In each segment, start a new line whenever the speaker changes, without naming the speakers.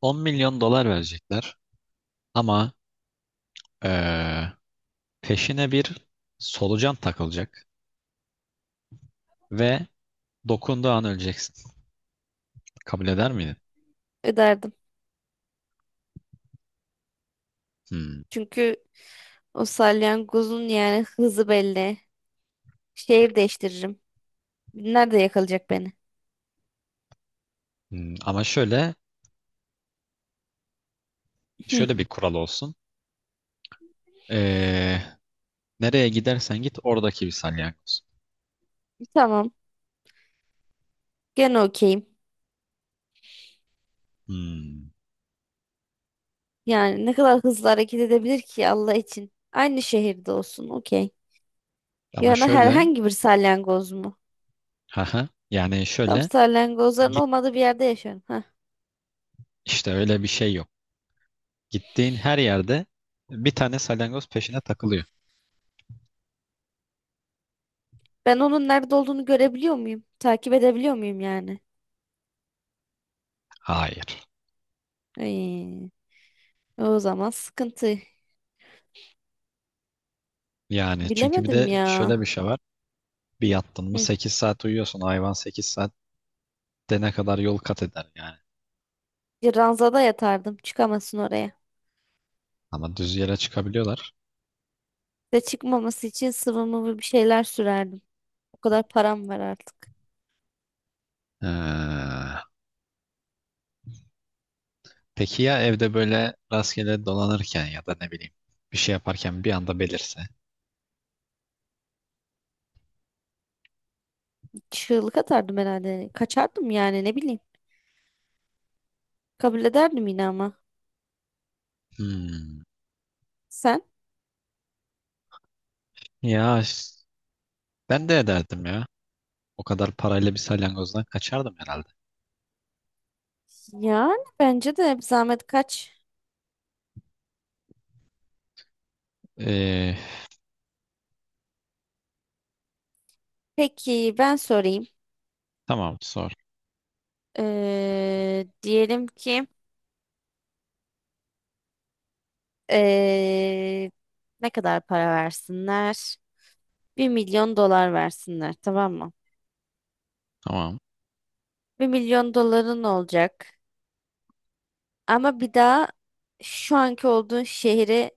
10 milyon dolar verecekler ama eee, peşine bir solucan takılacak ve dokunduğu an öleceksin. Kabul eder miydin?
Öderdim.
Hmm.
Çünkü o salyangozun yani hızı belli. Şehir değiştiririm. Nerede yakalayacak beni?
Hmm. Ama şöyle
Hı.
şöyle bir kural olsun. Eee, nereye gidersen git oradaki bir salyangoz.
Tamam. Gene okeyim.
Hmm.
Yani ne kadar hızlı hareket edebilir ki Allah için. Aynı şehirde olsun. Okey.
Ama
Yani
şöyle
herhangi bir salyangoz mu?
haha, yani
Tam
şöyle
salyangozların
git
olmadığı bir yerde yaşıyorum. Heh.
işte öyle bir şey yok. Gittiğin her yerde bir tane salyangoz peşine takılıyor.
Ben onun nerede olduğunu görebiliyor muyum? Takip edebiliyor muyum yani?
Hayır.
Ay, o zaman sıkıntı.
Yani çünkü bir
Bilemedim
de
ya.
şöyle bir şey var. Bir yattın mı
Hı.
8 saat uyuyorsun. Hayvan 8 saat de ne kadar yol kat eder yani.
Bir ranzada yatardım. Çıkamasın oraya.
Ama düz yere çıkabiliyorlar.
Ve çıkmaması için sıvı mıvı bir şeyler sürerdim. O kadar param var artık.
Ee, peki ya evde böyle rastgele dolanırken ya da ne bileyim bir şey yaparken bir anda belirse?
Çığlık atardım herhalde. Kaçardım yani ne bileyim. Kabul ederdim yine ama.
Hmm.
Sen?
Ya ş- ben de ederdim ya. O kadar parayla bir salyangozdan kaçardım herhalde.
Yani bence de zahmet kaç.
Ee,
Peki ben sorayım.
tamam sor.
Diyelim ki Ee, ne kadar para versinler? Bir milyon dolar versinler, tamam mı?
Tamam.
Bir milyon doların olacak. Ama bir daha şu anki olduğun şehre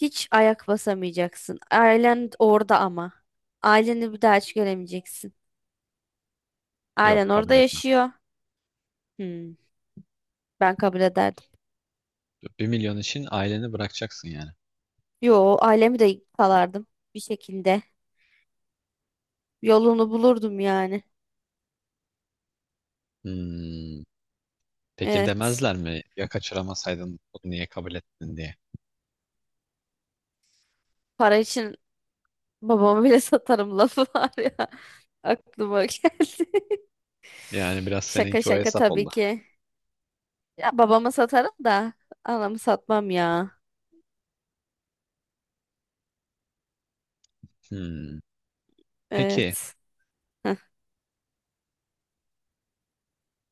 hiç ayak basamayacaksın. Ailen orada ama. Aileni bir daha hiç göremeyeceksin.
Yok
Ailen
kabul
orada
etmem.
yaşıyor. Hmm, Ben kabul ederdim.
1 milyon için aileni bırakacaksın yani.
Yo, ailemi de kalardım bir şekilde. Yolunu bulurdum yani.
Hmm. Peki
Evet.
demezler mi ya kaçıramasaydın bunu niye kabul ettin diye?
Para için babama bile satarım lafı var ya. Aklıma geldi.
Yani biraz
Şaka
seninki o
şaka
hesap
tabii
oldu.
ki. Ya babama satarım da anamı satmam ya.
Hmm. Peki
Evet. Heh.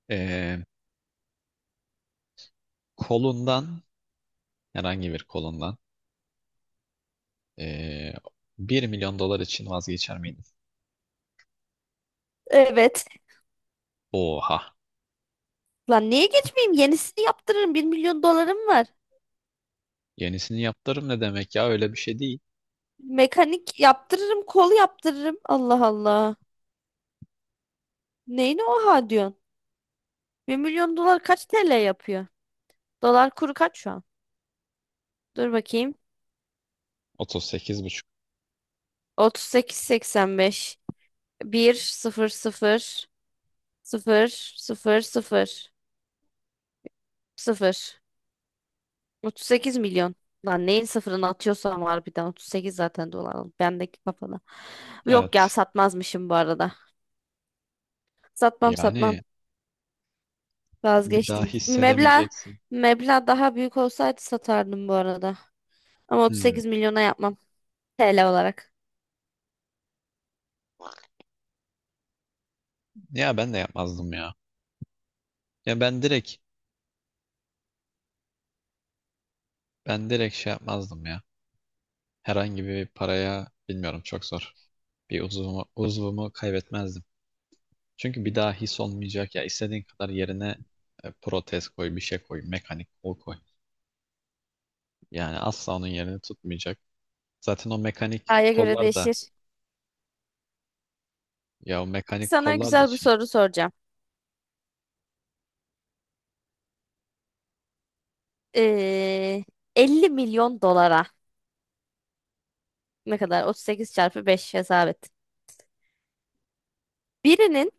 eee, kolundan herhangi bir kolundan eee 1 milyon dolar için vazgeçer miydin?
Evet.
Oha.
Lan niye geçmeyeyim? Yenisini yaptırırım. Bir milyon dolarım var.
Yenisini yaptırım ne demek ya öyle bir şey değil.
Mekanik yaptırırım, kol yaptırırım. Allah Allah. Neyine oha diyorsun? Bir milyon dolar kaç TL yapıyor? Dolar kuru kaç şu an? Dur bakayım.
38,5.
Otuz sekiz virgül seksen beş bir sıfır sıfır sıfır sıfır sıfır sıfır. 38 milyon. Lan neyin sıfırını atıyorsam harbiden 38 zaten dolar oldu. Bendeki kafada. Yok ya
Evet.
satmazmışım bu arada. Satmam satmam.
Yani bir daha
Vazgeçtim. Meblağ,
hissedemeyeceksin.
meblağ daha büyük olsaydı satardım bu arada. Ama
Hmm.
38 milyona yapmam. TL olarak.
Ya ben de yapmazdım ya. Ya ben direkt şey yapmazdım ya. Herhangi bir paraya bilmiyorum çok zor. Bir uzvumu kaybetmezdim. Çünkü bir daha his olmayacak ya istediğin kadar yerine protez koy, bir şey koy, mekanik kol koy. Yani asla onun yerini tutmayacak. Zaten o mekanik
Aya göre
kollar da
değişir.
ya o mekanik
Sana
kollar da
güzel bir
şey.
soru soracağım. Ee, 50 milyon dolara ne kadar? 38 çarpı 5 hesap et. Birinin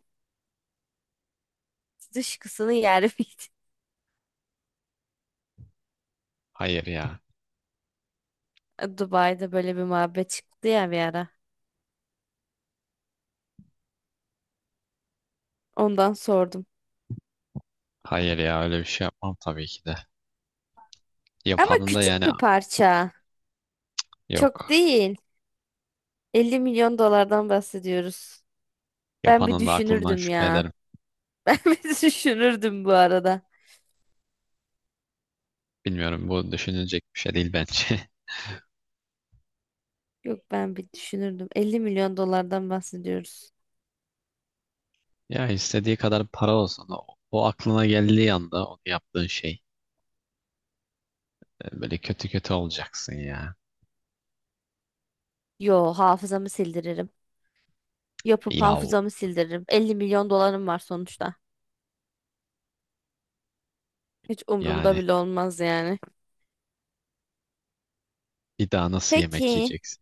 dışkısını yer miydin?
Hayır ya.
Dubai'de böyle bir muhabbet çıktı ya bir ara. Ondan sordum.
Hayır ya öyle bir şey yapmam tabii ki de.
Ama
Yapanın da
küçük
yani
bir parça. Çok
yok.
değil. 50 milyon dolardan bahsediyoruz. Ben bir
Yapanın da aklından
düşünürdüm
şüphe
ya.
ederim.
Ben bir düşünürdüm bu arada.
Bilmiyorum bu düşünülecek bir şey değil bence.
Yok ben bir düşünürdüm. 50 milyon dolardan bahsediyoruz.
Ya istediği kadar para olsun o aklına geldiği anda o yaptığın şey böyle kötü kötü olacaksın ya.
Yo hafızamı sildiririm. Yapıp
Yahu
hafızamı sildiririm. 50 milyon dolarım var sonuçta. Hiç umurumda
yani.
bile olmaz yani.
Bir daha nasıl yemek
Peki.
yiyeceksin?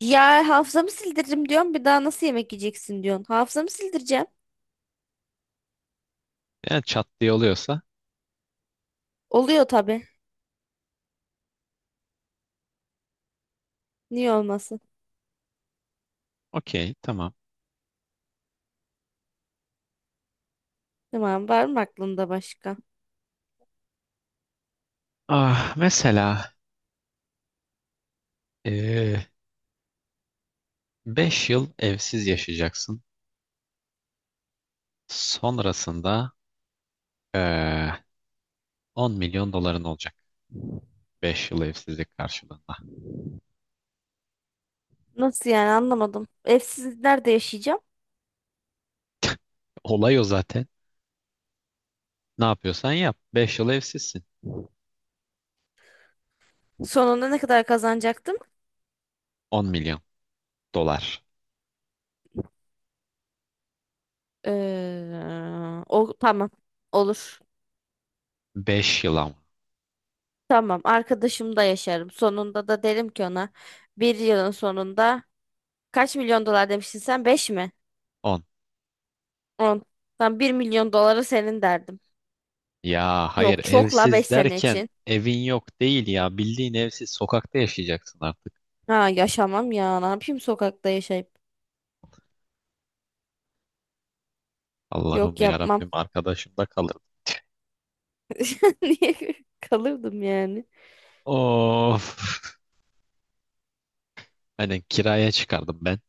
Ya hafızamı sildiririm diyorsun, bir daha nasıl yemek yiyeceksin diyorsun. Hafızamı sildireceğim.
Yani çat diye oluyorsa
Oluyor tabii. Niye olmasın?
okey tamam.
Tamam, var mı aklında başka?
Ah, mesela 5 yıl evsiz yaşayacaksın. Sonrasında eee 10 milyon doların olacak. 5 yıl evsizlik karşılığında.
Nasıl yani, anlamadım. Evsiz nerede yaşayacağım?
Olay o zaten. Ne yapıyorsan yap. 5 yıl evsizsin.
Sonunda ne kadar kazanacaktım?
10 milyon dolar.
O tamam. Olur.
5 yıl ama.
Tamam. Arkadaşımda yaşarım. Sonunda da derim ki ona bir yılın sonunda kaç milyon dolar demiştin sen? 5 mi?
10.
10. Tam bir milyon doları senin derdim.
Ya hayır
Yok çok la 5
evsiz
sene
derken
için.
evin yok değil ya. Bildiğin evsiz sokakta yaşayacaksın artık.
Ha yaşamam ya. Ne yapayım sokakta yaşayıp.
Allah'ım
Yok
ya
yapmam.
Rabbim arkadaşım da kalır.
Niye kalırdım yani?
Of. Hani kiraya çıkardım ben.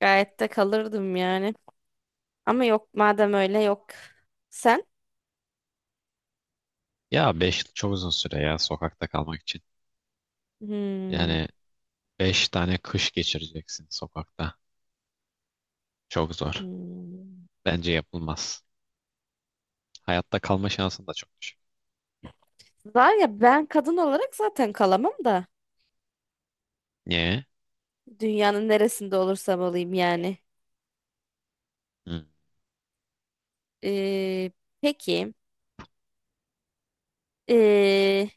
Gayet de kalırdım yani. Ama yok madem öyle, yok. Sen?
Ya 5 yıl çok uzun süre ya sokakta kalmak için.
Hmm.
Yani 5 tane kış geçireceksin sokakta. Çok zor.
Hmm.
Bence yapılmaz. Hayatta kalma şansın da çok düşük.
Var ya ben kadın olarak zaten kalamam da.
Niye?
Dünyanın neresinde olursam olayım yani.
Hı.
Ee, peki. Ee,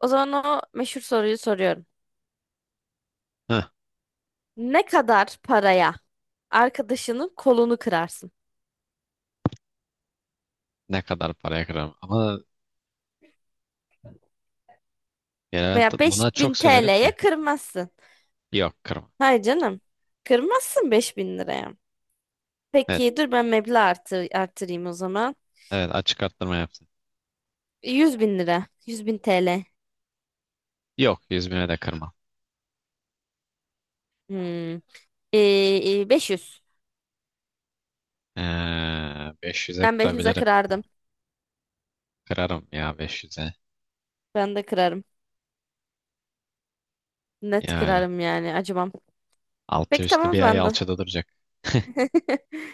o zaman o meşhur soruyu soruyorum.
Heh,
Ne kadar paraya arkadaşının kolunu kırarsın?
ne kadar paraya kırarım. Ama genel
Veya
buna
5.000
çok söylerim ki.
TL'ye kırmazsın.
Yok kırma.
Hayır canım. Kırmazsın 5000 liraya.
Evet,
Peki dur ben meblağ artır, artırayım o zaman.
evet açık arttırma yapsın.
100 bin lira. Yüz bin TL.
Yok 100 bine de kırmam.
Hmm. Beş yüz.
Ee, 500'e
Ben beş yüz'e
kırabilirim.
kırardım.
Kırarım ya 500'e.
Ben de kırarım. Net
Yani
kırarım yani. Acımam.
altı
Peki tamam
üstü
o
bir ay
zaman da.
alçada duracak.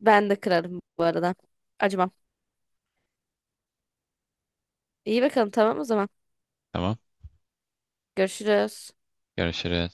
Ben de kırarım bu arada. Acımam. İyi bakalım, tamam o zaman.
Tamam.
Görüşürüz.
Görüşürüz.